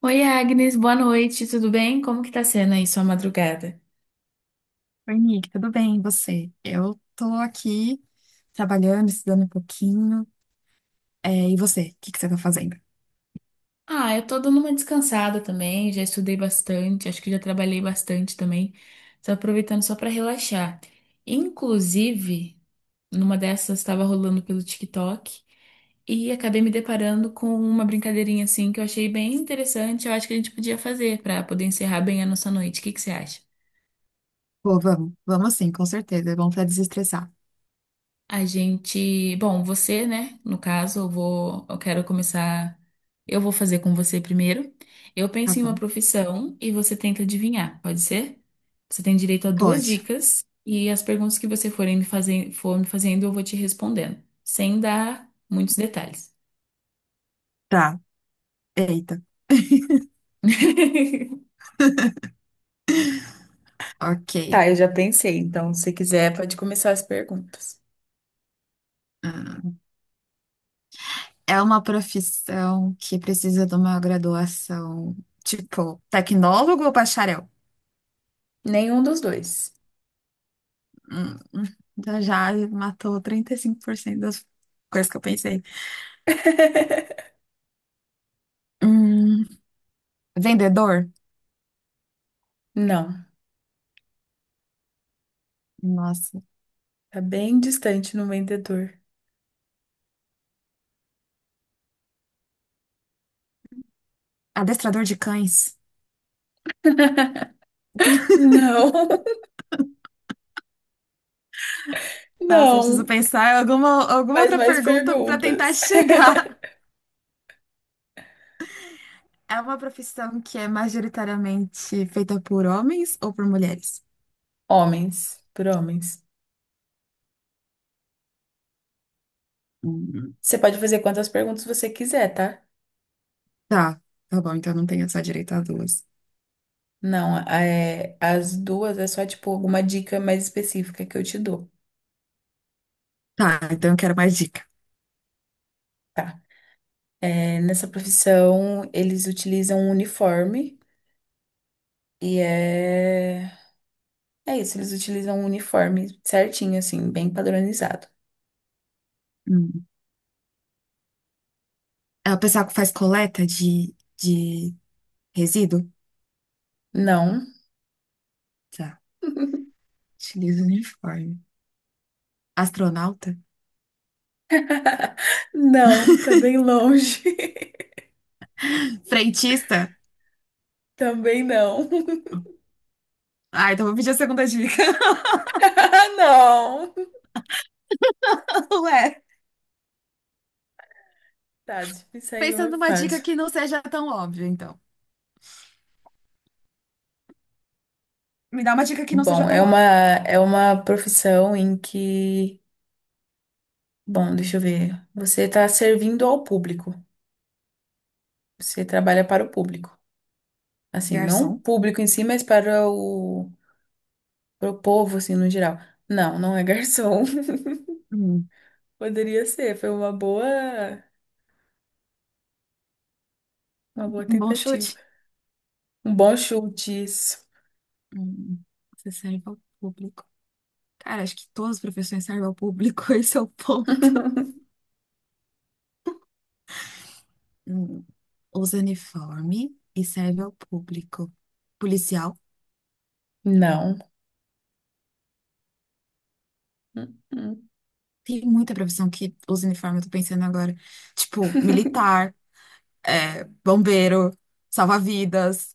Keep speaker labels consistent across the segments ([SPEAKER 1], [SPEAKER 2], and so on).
[SPEAKER 1] Oi, Agnes, boa noite, tudo bem? Como que tá sendo aí sua madrugada?
[SPEAKER 2] Oi, Nick, tudo bem? E você? Eu tô aqui trabalhando, estudando um pouquinho. É, e você? O que que você tá fazendo?
[SPEAKER 1] Ah, eu tô dando uma descansada também, já estudei bastante, acho que já trabalhei bastante também. Tô aproveitando só pra relaxar. Inclusive, numa dessas estava rolando pelo TikTok e acabei me deparando com uma brincadeirinha assim que eu achei bem interessante, eu acho que a gente podia fazer pra poder encerrar bem a nossa noite. O que que você acha?
[SPEAKER 2] Pô, vamos sim, com certeza. É bom pra desestressar.
[SPEAKER 1] A gente, bom, você, né? No caso, eu quero começar, eu vou fazer com você primeiro. Eu
[SPEAKER 2] Tá
[SPEAKER 1] penso em uma
[SPEAKER 2] bom,
[SPEAKER 1] profissão e você tenta adivinhar, pode ser? Você tem direito a duas
[SPEAKER 2] pode.
[SPEAKER 1] dicas e as perguntas que você forem me fazer, for me fazendo, eu vou te respondendo, sem dar muitos detalhes.
[SPEAKER 2] Tá, eita. Ok.
[SPEAKER 1] Tá, eu já pensei, então se quiser pode começar as perguntas.
[SPEAKER 2] Ah, É uma profissão que precisa de uma graduação, tipo, tecnólogo ou bacharel?
[SPEAKER 1] Nenhum dos dois.
[SPEAKER 2] Hum, hum, já matou 35% das coisas que eu pensei. Hum, vendedor?
[SPEAKER 1] Não,
[SPEAKER 2] Nossa.
[SPEAKER 1] tá bem distante no vendedor.
[SPEAKER 2] Adestrador de cães?
[SPEAKER 1] Não,
[SPEAKER 2] Nossa, eu preciso
[SPEAKER 1] não.
[SPEAKER 2] pensar em alguma
[SPEAKER 1] Faz
[SPEAKER 2] outra
[SPEAKER 1] mais
[SPEAKER 2] pergunta para tentar
[SPEAKER 1] perguntas.
[SPEAKER 2] chegar. É uma profissão que é majoritariamente feita por homens ou por mulheres?
[SPEAKER 1] Homens, por homens.
[SPEAKER 2] Hum,
[SPEAKER 1] Você pode fazer quantas perguntas você quiser, tá?
[SPEAKER 2] Tá, tá bom, então não tenho só direito a duas.
[SPEAKER 1] Não, é, as duas é só, tipo, alguma dica mais específica que eu te dou.
[SPEAKER 2] Tá, então eu quero mais dica.
[SPEAKER 1] Tá. É, nessa profissão, eles utilizam um uniforme e é... É isso, eles utilizam um uniforme certinho, assim, bem padronizado.
[SPEAKER 2] Hum. É o pessoal que faz coleta de resíduo?
[SPEAKER 1] Não.
[SPEAKER 2] Tá, utiliza o uniforme. Astronauta?
[SPEAKER 1] Não, tá bem longe.
[SPEAKER 2] Frentista?
[SPEAKER 1] Também não.
[SPEAKER 2] Ah, então vou pedir a segunda dica.
[SPEAKER 1] Não.
[SPEAKER 2] Ué,
[SPEAKER 1] Tá, difícil aí
[SPEAKER 2] pensando
[SPEAKER 1] uma
[SPEAKER 2] numa dica
[SPEAKER 1] fácil.
[SPEAKER 2] que não seja tão óbvia, então. Me dá uma dica que não seja
[SPEAKER 1] Bom, é
[SPEAKER 2] tão
[SPEAKER 1] uma,
[SPEAKER 2] óbvia.
[SPEAKER 1] é uma profissão em que, bom, deixa eu ver, você está servindo ao público, você trabalha para o público, assim, não o
[SPEAKER 2] Garçom?
[SPEAKER 1] público em si, mas para o, para o povo, assim, no geral. Não, não é garçom,
[SPEAKER 2] Hum,
[SPEAKER 1] poderia ser, foi uma boa
[SPEAKER 2] um bom
[SPEAKER 1] tentativa,
[SPEAKER 2] chute?
[SPEAKER 1] um bom chute isso.
[SPEAKER 2] Hum, você serve ao público. Cara, acho que todas as profissões servem ao público, esse é o ponto. Hum, usa uniforme e serve ao público. Policial.
[SPEAKER 1] Não. Hum, hum.
[SPEAKER 2] Tem muita profissão que usa uniforme, eu tô pensando agora. Tipo, militar, é, bombeiro, salva-vidas.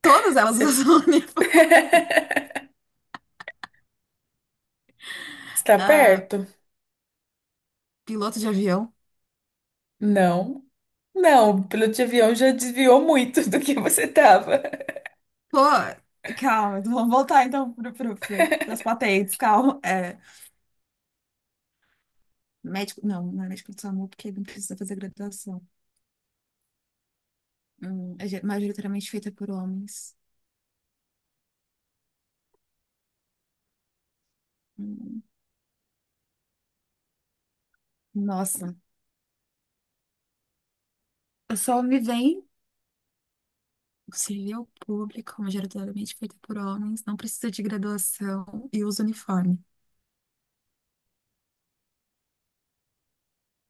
[SPEAKER 2] Todas elas
[SPEAKER 1] Você
[SPEAKER 2] usam uniforme.
[SPEAKER 1] está
[SPEAKER 2] Ah,
[SPEAKER 1] perto?
[SPEAKER 2] piloto de avião.
[SPEAKER 1] Não. Não, o piloto de avião já desviou muito do que você estava.
[SPEAKER 2] Pô, calma, vamos voltar então para as patentes, calma. É, médico, não, não é médico do SAMU, porque não precisa fazer graduação. Majoritariamente feita por homens. Hum, nossa, só me vem o civil público, majoritariamente feita por homens, não precisa de graduação e usa uniforme.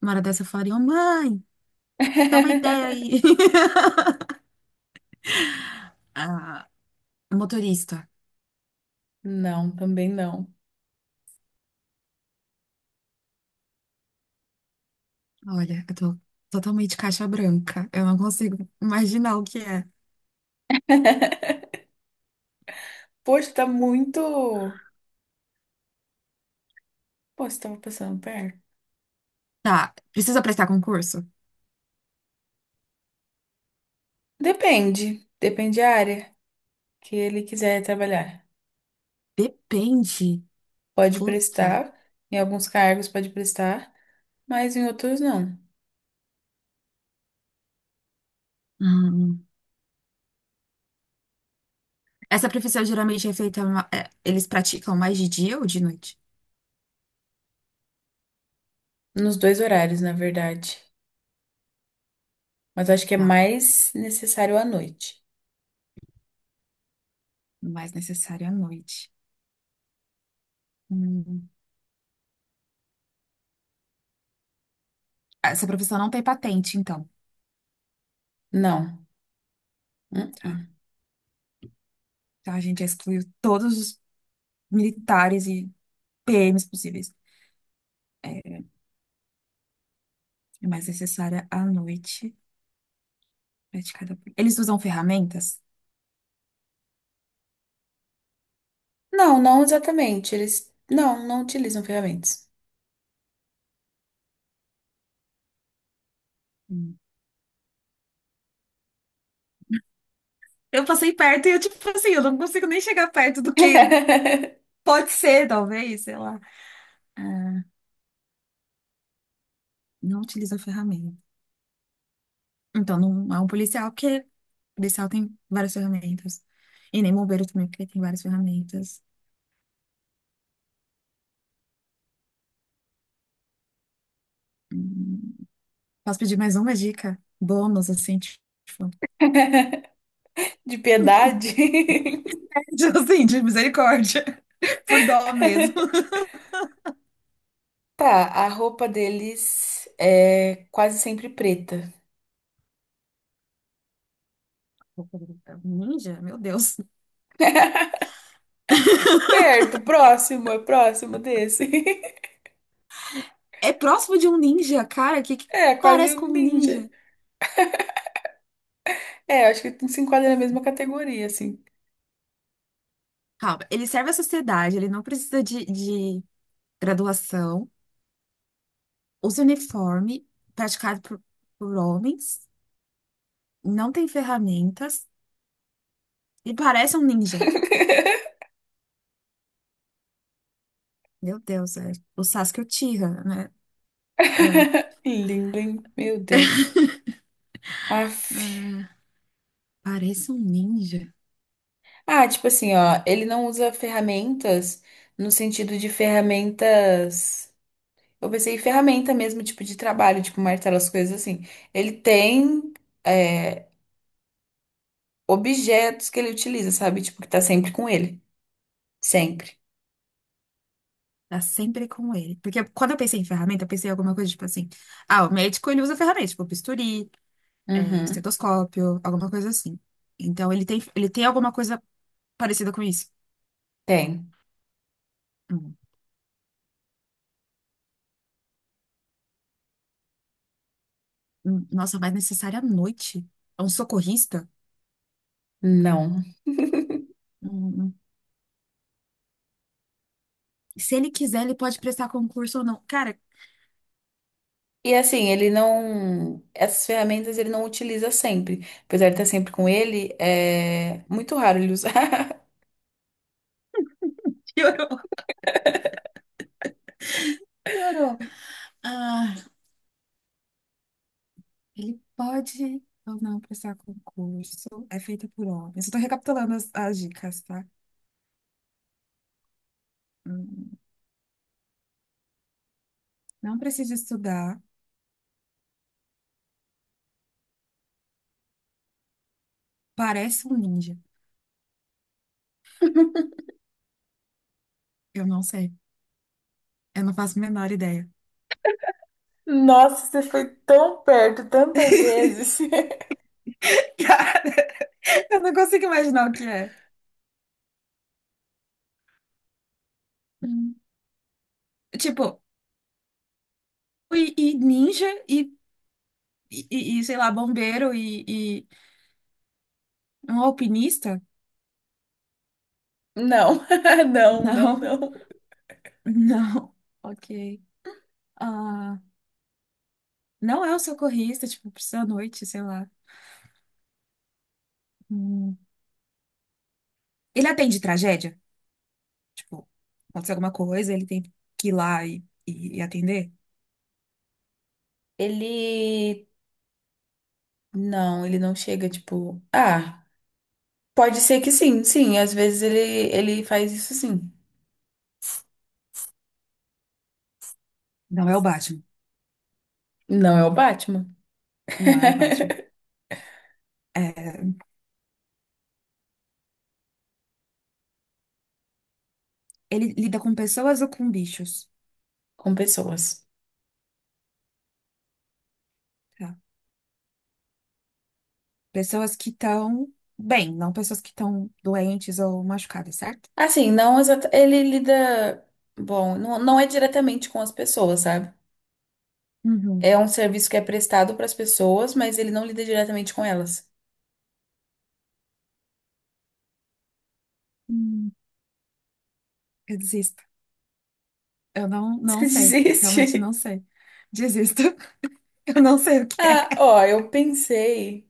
[SPEAKER 2] Uma hora dessa eu falaria, ô mãe, dá uma ideia aí. Ah, motorista.
[SPEAKER 1] Não, também não.
[SPEAKER 2] Olha, eu tô totalmente caixa branca. Eu não consigo imaginar o que é.
[SPEAKER 1] Poxa, tá muito. Pô, você tava passando perto.
[SPEAKER 2] Tá, precisa prestar concurso?
[SPEAKER 1] Depende. Depende da área que ele quiser trabalhar.
[SPEAKER 2] Depende.
[SPEAKER 1] Pode
[SPEAKER 2] Puta.
[SPEAKER 1] prestar, em alguns cargos pode prestar, mas em outros não.
[SPEAKER 2] Hum, Essa profissão geralmente é feita, é, eles praticam mais de dia ou de noite?
[SPEAKER 1] Nos dois horários, na verdade. Mas acho que é
[SPEAKER 2] Tá,
[SPEAKER 1] mais necessário à noite.
[SPEAKER 2] o mais necessário é à noite. Hum. Essa profissão não tem patente, então.
[SPEAKER 1] Não. Uh-uh.
[SPEAKER 2] Tá. Então a gente já excluiu todos os militares e PMs possíveis. É, é mais necessária à noite, praticada por... Eles usam ferramentas?
[SPEAKER 1] Não, não exatamente. Eles não utilizam ferramentas.
[SPEAKER 2] Hum. Eu passei perto e eu, tipo assim, eu não consigo nem chegar perto do que pode ser, talvez, sei lá. É, não utiliza ferramenta. Então não é um policial, porque policial tem várias ferramentas. E nem bombeiro também, porque tem várias ferramentas. Hum, Posso pedir mais uma dica? Bônus, assim, tipo,
[SPEAKER 1] De piedade?
[SPEAKER 2] assim, de misericórdia, por dó mesmo.
[SPEAKER 1] Tá, a roupa deles é quase sempre preta.
[SPEAKER 2] Ninja? Meu Deus.
[SPEAKER 1] Perto, próximo, é próximo desse.
[SPEAKER 2] É próximo de um ninja, cara, que
[SPEAKER 1] É, quase
[SPEAKER 2] parece com
[SPEAKER 1] um
[SPEAKER 2] um
[SPEAKER 1] ninja.
[SPEAKER 2] ninja.
[SPEAKER 1] É, acho que se enquadra na mesma categoria, assim.
[SPEAKER 2] Calma, ele serve à sociedade, ele não precisa de graduação, usa uniforme praticado por homens, não tem ferramentas e parece um ninja. Meu Deus, é o Sasuke Uchiha, né? Ah,
[SPEAKER 1] Lindo, hein? Meu Deus. Aff.
[SPEAKER 2] ah, parece um ninja.
[SPEAKER 1] Ah, tipo assim, ó, ele não usa ferramentas no sentido de ferramentas. Eu pensei em ferramenta mesmo, tipo de trabalho, tipo martelo, as coisas assim. Ele tem. é, Objetos que ele utiliza, sabe? Tipo, que tá sempre com ele. Sempre.
[SPEAKER 2] Tá sempre com ele. Porque quando eu pensei em ferramenta, eu pensei em alguma coisa tipo assim. Ah, o médico ele usa ferramenta, tipo bisturi, é,
[SPEAKER 1] Uhum.
[SPEAKER 2] estetoscópio, alguma coisa assim. Então ele tem alguma coisa parecida com isso.
[SPEAKER 1] Tem.
[SPEAKER 2] Hum, nossa, mas necessária à noite. É um socorrista?
[SPEAKER 1] Não.
[SPEAKER 2] Hum, hum. Se ele quiser, ele pode prestar concurso ou não. Cara,
[SPEAKER 1] E assim, ele não. Essas ferramentas ele não utiliza sempre. Apesar de estar sempre com ele, é muito raro ele usar.
[SPEAKER 2] piorou, piorou. Ah, ele pode ou não prestar concurso. É feita por homens. Eu tô recapitulando as dicas, tá? Hum, hum. Não precisa estudar. Parece um ninja. Eu não sei. Eu não faço a menor ideia.
[SPEAKER 1] Nossa, você foi tão perto tantas vezes.
[SPEAKER 2] Cara, eu não consigo imaginar o que é. Hum. Tipo, e ninja e sei lá, bombeiro e um alpinista?
[SPEAKER 1] Não, não, não,
[SPEAKER 2] Não,
[SPEAKER 1] não.
[SPEAKER 2] não. Ok. Ah, não é o socorrista, tipo, precisa à noite, sei lá. Hum. Ele atende tragédia? Tipo, acontece alguma coisa, ele tem que ir lá e atender?
[SPEAKER 1] Ele. Não, ele não chega, tipo. Ah, pode ser que sim, sim. Às vezes ele, ele faz isso sim.
[SPEAKER 2] Não é o Batman.
[SPEAKER 1] Não é o Batman.
[SPEAKER 2] Não é o Batman. É, ele lida com pessoas ou com bichos?
[SPEAKER 1] Com pessoas.
[SPEAKER 2] Tá. Pessoas que estão bem, não pessoas que estão doentes ou machucadas, certo?
[SPEAKER 1] Assim, não exata, ele lida, bom, não, não é diretamente com as pessoas, sabe?
[SPEAKER 2] Uhum.
[SPEAKER 1] É um serviço que é prestado para as pessoas, mas ele não lida diretamente com elas.
[SPEAKER 2] Hum, eu desisto. Eu não, não
[SPEAKER 1] Isso
[SPEAKER 2] sei. Realmente
[SPEAKER 1] existe?
[SPEAKER 2] não sei. Desisto. Eu não sei o que
[SPEAKER 1] Ah,
[SPEAKER 2] é.
[SPEAKER 1] ó, eu pensei.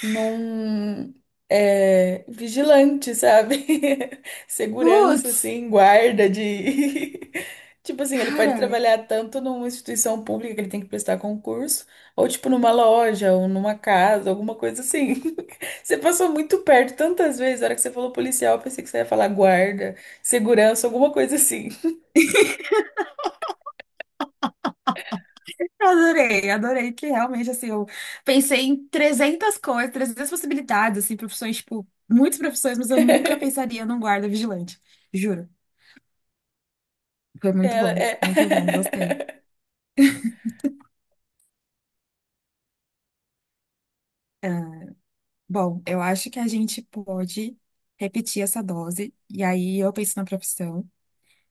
[SPEAKER 1] Num É, vigilante, sabe? Segurança,
[SPEAKER 2] Putz,
[SPEAKER 1] assim, guarda de. Tipo assim, ele pode
[SPEAKER 2] cara.
[SPEAKER 1] trabalhar tanto numa instituição pública que ele tem que prestar concurso, ou tipo numa loja, ou numa casa, alguma coisa assim. Você passou muito perto tantas vezes, na hora que você falou policial, eu pensei que você ia falar guarda, segurança, alguma coisa assim.
[SPEAKER 2] Adorei, adorei que realmente, assim, eu pensei em 300 coisas, 300 possibilidades, assim, profissões, tipo, muitas profissões, mas eu nunca pensaria num guarda vigilante, juro. Foi
[SPEAKER 1] Ela é.
[SPEAKER 2] muito bom, gostei. É, bom, eu acho que a gente pode repetir essa dose, e aí eu penso na profissão,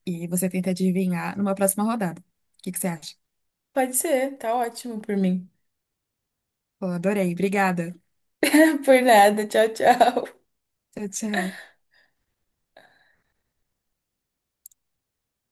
[SPEAKER 2] e você tenta adivinhar numa próxima rodada. O que que você acha?
[SPEAKER 1] Pode ser, tá ótimo por mim.
[SPEAKER 2] Pô, adorei, obrigada.
[SPEAKER 1] Por nada, tchau, tchau.
[SPEAKER 2] Tchau, tchau.